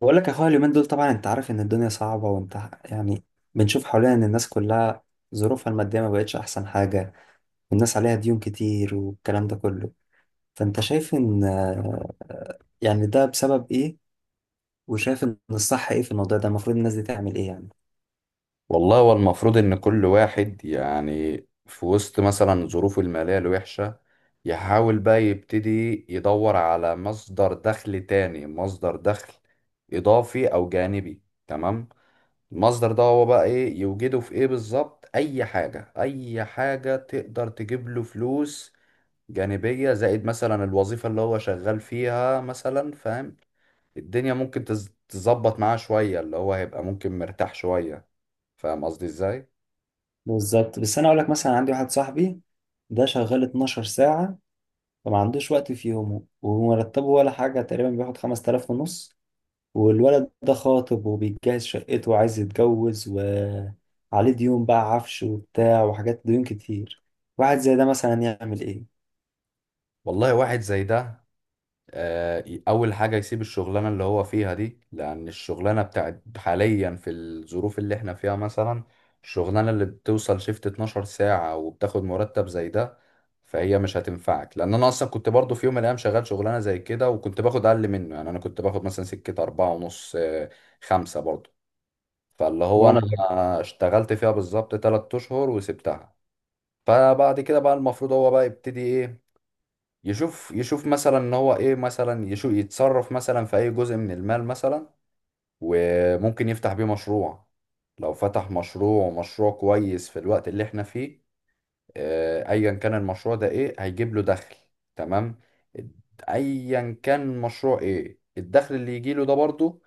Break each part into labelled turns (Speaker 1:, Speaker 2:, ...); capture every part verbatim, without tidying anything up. Speaker 1: بقول لك يا اخويا، اليومين دول طبعا انت عارف ان الدنيا صعبة. وانت، يعني، بنشوف حوالينا ان الناس كلها ظروفها المادية ما بقتش احسن حاجة، والناس عليها ديون كتير والكلام ده كله. فانت شايف ان آه، يعني ده بسبب ايه؟ وشايف ان الصح ايه في الموضوع ده؟ المفروض الناس دي تعمل ايه يعني؟
Speaker 2: والله هو المفروض ان كل واحد يعني في وسط مثلا ظروفه المالية الوحشة يحاول بقى يبتدي يدور على مصدر دخل تاني، مصدر دخل اضافي او جانبي. تمام. المصدر ده هو بقى ايه، يوجده في ايه بالظبط؟ اي حاجة، اي حاجة تقدر تجيب له فلوس جانبية زائد مثلا الوظيفة اللي هو شغال فيها مثلا، فاهم؟ الدنيا ممكن تز- تظبط معاه شوية، اللي هو هيبقى ممكن مرتاح شوية. فاهم قصدي ازاي؟
Speaker 1: بالظبط. بس انا اقول لك، مثلا عندي واحد صاحبي ده شغال 12 ساعة، فما عندوش وقت في يومه، ومرتبه ولا حاجة، تقريبا بياخد خمسة آلاف ونص. والولد ده خاطب وبيجهز شقته وعايز يتجوز، وعليه ديون بقى، عفش وبتاع وحاجات، ديون كتير. واحد زي ده مثلا يعمل ايه؟
Speaker 2: والله واحد زي ده، آه، ي- اول حاجه يسيب الشغلانه اللي هو فيها دي، لان الشغلانه بتاعت حاليا في الظروف اللي احنا فيها مثلا، الشغلانه اللي بتوصل شيفت اتناشر ساعة ساعه وبتاخد مرتب زي ده، فهي مش هتنفعك. لان انا اصلا كنت برضو في يوم من الايام شغال شغلانه زي كده وكنت باخد اقل منه يعني. انا كنت باخد مثلا سكه أربعة ونص، آه، خمسة برضو. فاللي هو انا
Speaker 1: وانا برضه.
Speaker 2: اشتغلت فيها بالظبط تلات أشهر اشهر وسبتها. فبعد كده بقى المفروض هو بقى يبتدي ايه؟ يشوف يشوف مثلا ان هو ايه مثلا، يشوف يتصرف مثلا في اي جزء من المال مثلا وممكن يفتح بيه مشروع. لو فتح مشروع، ومشروع كويس في الوقت اللي احنا فيه، آه، ايا كان المشروع ده ايه، هيجيب له دخل. تمام؟ ايا كان مشروع، ايه الدخل اللي يجيله ده برضه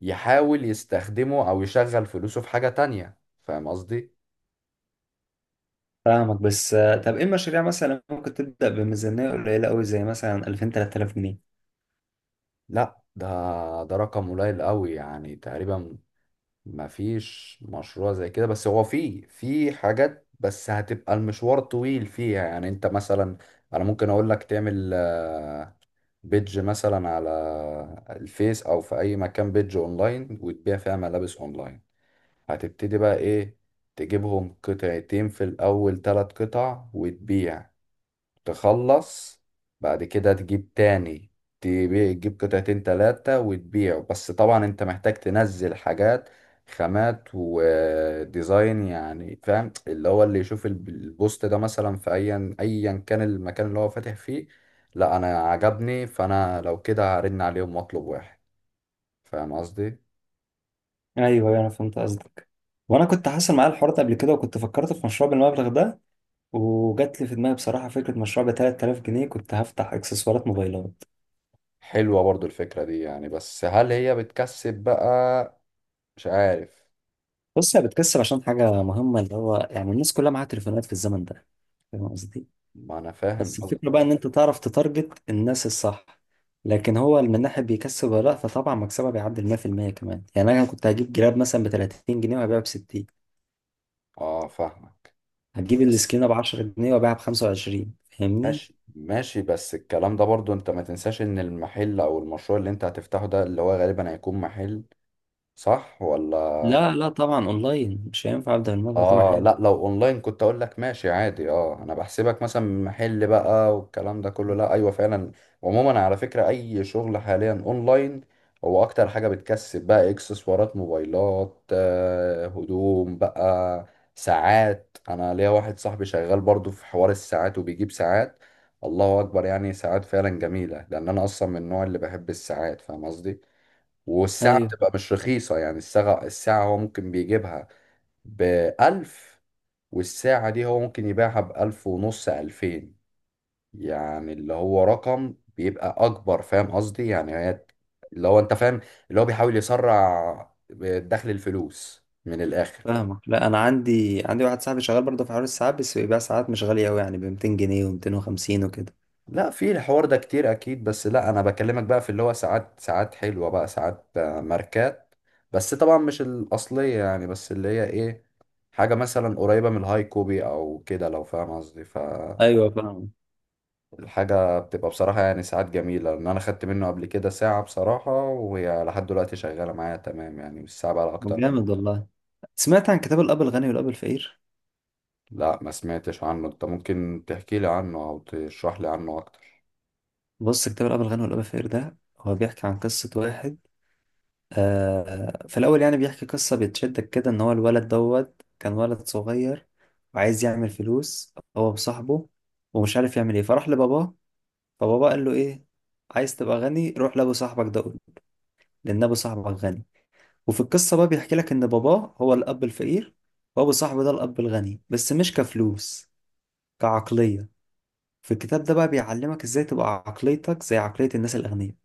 Speaker 2: يحاول يستخدمه او يشغل فلوسه في حاجة تانية. فاهم قصدي؟
Speaker 1: فاهمك. بس آه، طب ايه المشاريع مثلا ممكن تبدأ بميزانية قليلة قوي، زي مثلا ألفين، تلات تلاف جنيه؟
Speaker 2: لا ده، ده رقم قليل قوي يعني. تقريبا ما فيش مشروع زي كده. بس هو في في حاجات، بس هتبقى المشوار طويل فيها. يعني انت مثلا، انا ممكن اقول لك تعمل آه، بيدج مثلا على الفيس او في اي مكان، بيدج اونلاين وتبيع فيها ملابس اونلاين. هتبتدي بقى ايه؟ تجيبهم قطعتين في الاول، ثلاث قطع وتبيع، تخلص، بعد كده تجيب تاني، تبيع، تجيب قطعتين تلاتة وتبيعه. بس طبعا انت محتاج تنزل حاجات خامات وديزاين يعني. فاهم؟ اللي هو اللي يشوف الب- البوست ده مثلا، في ايا ايا كان المكان اللي هو فاتح فيه، لا انا عجبني، فانا لو كده هرن عليهم واطلب واحد. فاهم قصدي؟
Speaker 1: ايوه، أيوه، انا فهمت قصدك. وانا كنت حاصل معايا الحوار ده قبل كده، وكنت فكرت في مشروع بالمبلغ ده. وجات لي في دماغي بصراحة فكرة مشروع ب تلات تلاف جنيه، كنت هفتح اكسسوارات موبايلات.
Speaker 2: حلوة برضو الفكرة دي يعني، بس هل هي بتكسب بقى؟ مش عارف.
Speaker 1: بص، هي بتكسب عشان حاجة مهمة، اللي هو يعني الناس كلها معاها تليفونات في الزمن ده. فاهم قصدي؟
Speaker 2: ما انا فاهم
Speaker 1: بس
Speaker 2: قصدك.
Speaker 1: الفكرة بقى إن أنت تعرف تتارجت الناس الصح. لكن هو من ناحية بيكسب ولا لأ، فطبعا مكسبها بيعدي ال ميه في الميه كمان. يعني أنا كنت هجيب جراب مثلا ب تلاتين جنيه وهبيعه ب ستين.
Speaker 2: اه فاهمك.
Speaker 1: هتجيب
Speaker 2: بس
Speaker 1: السكينة ب عشرة جنيه وهبيعها ب خمسة وعشرين. فاهمني؟
Speaker 2: ماشي ماشي، بس الكلام ده برضو انت ما تنساش ان المحل او المشروع اللي انت هتفتحه ده، اللي هو غالبا هيكون محل، صح ولا؟
Speaker 1: لا، لا، طبعا أونلاين. مش هينفع أبدأ الموضوع طبعا
Speaker 2: اه
Speaker 1: حلو.
Speaker 2: لا، لو اونلاين كنت اقول لك ماشي عادي. اه، انا بحسبك مثلا محل بقى والكلام ده كله. لا، ايوه فعلا. عموما على فكرة، اي شغل حاليا اونلاين هو اكتر حاجة بتكسب بقى. اكسسوارات موبايلات، آه، هدوم بقى، ساعات. انا ليا واحد صاحبي شغال برضو في حوار الساعات وبيجيب ساعات، الله اكبر. يعني ساعات فعلا جميلة، لان انا اصلا من النوع اللي بحب الساعات، فاهم قصدي؟ والساعة
Speaker 1: أيوه
Speaker 2: بتبقى مش رخيصة. يعني الساعة الساعة هو ممكن بيجيبها بألف، والساعة دي هو ممكن يبيعها بألف ونص، ألفين. يعني اللي هو رقم بيبقى أكبر. فاهم قصدي؟ يعني هي اللي هو أنت فاهم، اللي هو بيحاول يسرع دخل الفلوس من الآخر.
Speaker 1: فاهمك. لا، أنا عندي عندي واحد صاحبي شغال برضه في حوار الساعات، بس بيبيع ساعات مش غالية أوي، يعني ب ميتين جنيه و250 وكده.
Speaker 2: لا في الحوار ده كتير أكيد. بس لا، أنا بكلمك بقى في اللي هو ساعات، ساعات حلوة بقى، ساعات، آه، ماركات. بس طبعا مش الأصلية يعني، بس اللي هي إيه، حاجة مثلا قريبة من الهاي كوبي أو كده، لو فاهم قصدي. ف
Speaker 1: ايوه، فاهم.
Speaker 2: الحاجة بتبقى بصراحة يعني ساعات جميلة، لأن أنا خدت منه قبل كده ساعة بصراحة، وهي لحد دلوقتي شغالة معايا تمام. يعني مش ساعة بقى أكتر من-
Speaker 1: جامد والله. سمعت عن كتاب الأب الغني والأب الفقير؟
Speaker 2: لا، ما سمعتش عنه. أنت ممكن تحكي لي عنه أو تشرح لي عنه أكتر؟
Speaker 1: بص، كتاب الأب الغني والأب الفقير ده هو بيحكي عن قصة واحد. آه في الأول يعني بيحكي قصة بتشدك كده، إن هو الولد دوت كان ولد صغير وعايز يعمل فلوس هو وصاحبه، ومش عارف يعمل إيه، فراح لباباه. فباباه قال له إيه؟ عايز تبقى غني؟ روح لأبو صاحبك ده قول، لأن أبو صاحبك غني. وفي القصة بقى بيحكي لك إن باباه هو الأب الفقير، وأبو صاحبه ده الأب الغني، بس مش كفلوس، كعقلية. في الكتاب ده بقى بيعلمك ازاي تبقى عقليتك زي عقلية الناس الأغنياء،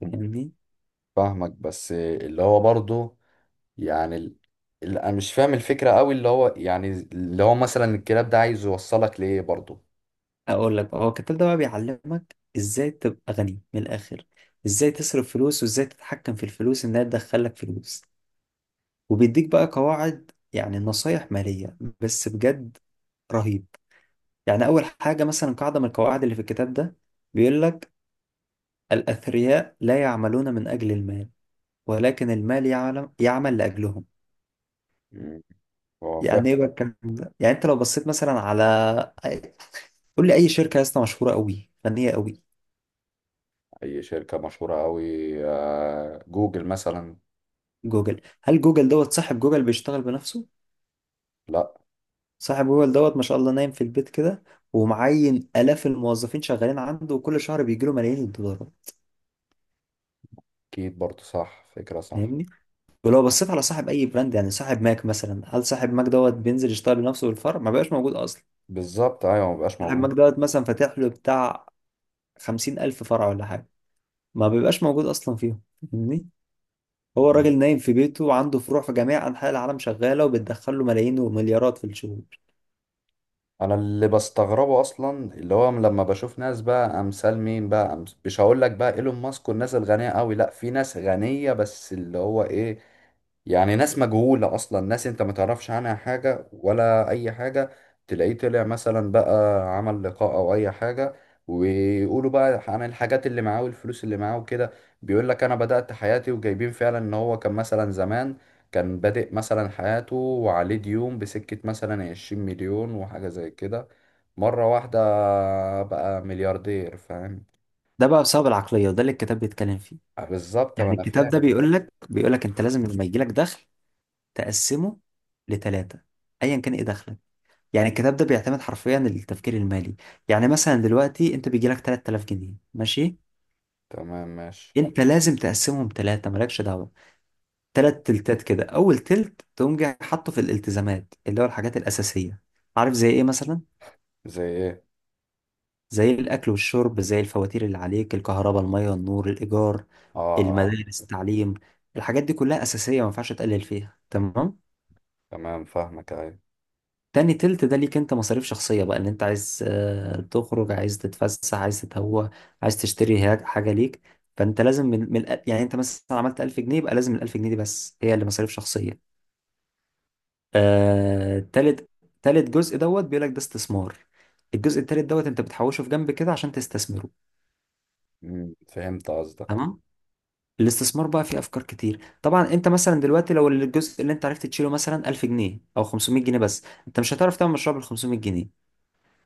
Speaker 1: فاهمني؟
Speaker 2: فاهمك، بس اللي هو برضه يعني ال- اللي أنا مش فاهم الفكرة أوي. اللي هو يعني اللي هو مثلا الكلاب ده عايز يوصلك لإيه برضه؟
Speaker 1: أقول لك بقى، هو الكتاب ده بقى بيعلمك ازاي تبقى غني من الآخر. ازاي تصرف فلوس، وازاي تتحكم في الفلوس انها تدخلك فلوس. وبيديك بقى قواعد، يعني نصايح مالية بس بجد رهيب. يعني أول حاجة مثلا، قاعدة من القواعد اللي في الكتاب ده، بيقول لك: الأثرياء لا يعملون من أجل المال، ولكن المال يعلم يعمل لأجلهم.
Speaker 2: مم. هو
Speaker 1: يعني
Speaker 2: فاهم.
Speaker 1: ايه بقى الكلام ده؟ يعني انت لو بصيت مثلا على، قول لي اي شركه يا اسطى مشهوره قوي، فنيه قوي.
Speaker 2: أي شركة مشهورة أوي؟ آه، جوجل مثلا.
Speaker 1: جوجل. هل جوجل دوت صاحب جوجل بيشتغل بنفسه؟
Speaker 2: لا.
Speaker 1: صاحب جوجل دوت ما شاء الله نايم في البيت كده، ومعين الاف الموظفين شغالين عنده، وكل شهر بيجي له ملايين الدولارات،
Speaker 2: أكيد برضه صح، فكرة صح.
Speaker 1: فاهمني؟ ولو بصيت على صاحب اي براند، يعني صاحب ماك مثلا، هل صاحب ماك دوت بينزل يشتغل بنفسه بالفرع؟ ما بقاش موجود اصلا.
Speaker 2: بالظبط ايوه، مبقاش
Speaker 1: صاحب
Speaker 2: موجود.
Speaker 1: ماك دوت مثلا فاتح له بتاع خمسين الف فرع ولا حاجه، ما بيبقاش موجود اصلا فيهم، فاهمني؟ هو الراجل نايم في بيته وعنده فروع في جميع انحاء العالم شغاله، وبتدخل له ملايين ومليارات في الشهور.
Speaker 2: انا اللي بستغربه اصلا، اللي هو لما بشوف ناس بقى امثال مين بقى، أمث... مش هقول لك بقى ايلون ماسك والناس الغنيه قوي، لا في ناس غنيه بس اللي هو ايه، يعني ناس مجهوله اصلا، ناس انت ما تعرفش عنها حاجه ولا اي حاجه. تلاقيه طلع مثلا بقى، عمل لقاء او اي حاجه، ويقولوا بقى عن الحاجات اللي معاه والفلوس اللي معاه وكده. بيقول لك انا بدأت حياتي، وجايبين فعلا ان هو كان مثلا زمان كان بادئ مثلا حياته وعليه ديون بسكة مثلا عشرين مليون وحاجة زي كده، مرة واحدة بقى ملياردير. فاهم؟
Speaker 1: ده بقى بسبب العقلية، وده اللي الكتاب بيتكلم فيه.
Speaker 2: آه، بالظبط، ما
Speaker 1: يعني
Speaker 2: أنا
Speaker 1: الكتاب
Speaker 2: فاهم.
Speaker 1: ده بيقول لك بيقول لك انت لازم لما يجي لك دخل تقسمه لثلاثة، ايا كان ايه دخلك. يعني الكتاب ده بيعتمد حرفيا التفكير المالي. يعني مثلا دلوقتي انت بيجي لك تلات تلاف جنيه، ماشي.
Speaker 2: تمام ماشي.
Speaker 1: انت لازم تقسمهم ثلاثة، مالكش دعوة. ثلاث تلتات كده. اول تلت تقوم جاي حاطه في الالتزامات، اللي هو الحاجات الأساسية. عارف زي ايه مثلا؟
Speaker 2: زي إيه؟
Speaker 1: زي الأكل والشرب، زي الفواتير اللي عليك، الكهرباء، المية، النور، الإيجار،
Speaker 2: آه. آه.
Speaker 1: المدارس، التعليم. الحاجات دي كلها أساسية، ما ينفعش تقلل فيها. تمام.
Speaker 2: تمام فاهمك، أيوة.
Speaker 1: تاني تلت ده ليك انت، مصاريف شخصية بقى. ان انت عايز آه، تخرج، عايز تتفسح، عايز تتهوى، عايز تشتري هاج- حاجة ليك. فانت لازم من, من الأ- يعني انت مثلا عملت ألف جنيه، يبقى لازم ال ألف جنيه دي بس هي اللي مصاريف شخصية. آه تالت تالت جزء دوت بيقول لك ده استثمار. الجزء التالت دوت انت بتحوشه في جنب كده عشان تستثمره.
Speaker 2: مم، فهمت قصدك.
Speaker 1: تمام. الاستثمار بقى فيه افكار كتير. طبعا انت مثلا دلوقتي لو الجزء اللي انت عرفت تشيله مثلا ألف جنيه او خمسمائة جنيه بس، انت مش هتعرف تعمل مشروع بال خمسمائة جنيه.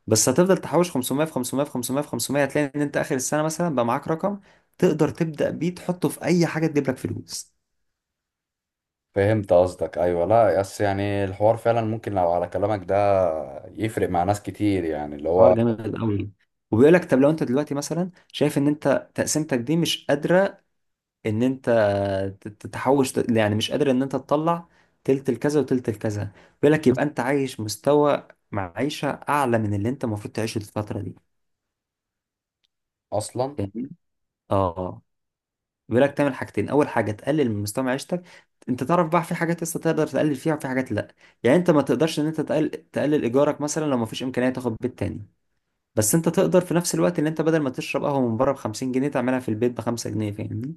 Speaker 1: بس هتفضل تحوش خمسمائة في خمسمائة في خمسمائة في خمسمائة، هتلاقي ان انت اخر السنه مثلا بقى معاك رقم تقدر تبدا بيه، تحطه في اي حاجه تجيب لك فلوس.
Speaker 2: فهمت قصدك أيوة. لا بس يعني الحوار فعلا ممكن لو على كلامك ده يفرق مع ناس كتير، يعني اللي
Speaker 1: حوار
Speaker 2: هو
Speaker 1: جامد قوي. وبيقول لك طب لو انت دلوقتي مثلا شايف ان انت تقسيمتك دي مش قادره، ان انت ت- تتحوش، يعني مش قادر ان انت تطلع تلت الكذا وتلت الكذا، بيقول لك يبقى انت عايش مستوى معيشة اعلى من اللي انت المفروض تعيشه في الفترة دي،
Speaker 2: أصلا.
Speaker 1: فاهمني؟ اه. بيقول لك تعمل حاجتين. اول حاجة، تقلل من مستوى معيشتك. انت تعرف بقى في حاجات لسه تقدر تقلل فيها، وفي حاجات لا. يعني انت ما تقدرش ان انت تقل... تقلل ايجارك مثلا لو ما فيش امكانية تاخد بيت تاني. بس انت تقدر في نفس الوقت ان انت بدل ما تشرب قهوة من بره ب 50 جنيه، تعملها في البيت ب 5 جنيه. فاهمني؟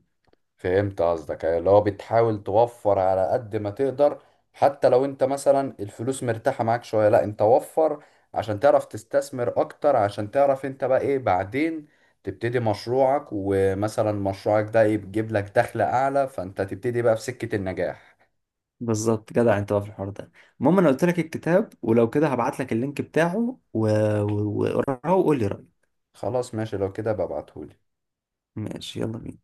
Speaker 2: فهمت قصدك أيوة، اللي هو بتحاول توفر على قد ما تقدر. حتى لو انت مثلا الفلوس مرتاحة معاك شوية، لا، انت وفر عشان تعرف تستثمر اكتر، عشان تعرف انت بقى ايه بعدين، تبتدي مشروعك، ومثلا مشروعك ده يجيب لك دخل اعلى، فانت تبتدي بقى في سكة النجاح.
Speaker 1: بالظبط جدع انت بقى في الحوار ده. المهم، انا قلت لك الكتاب ولو كده هبعت لك اللينك بتاعه و- و- وقراه وقول لي رأيك.
Speaker 2: خلاص ماشي، لو كده ببعتهولي.
Speaker 1: ماشي، يلا بينا.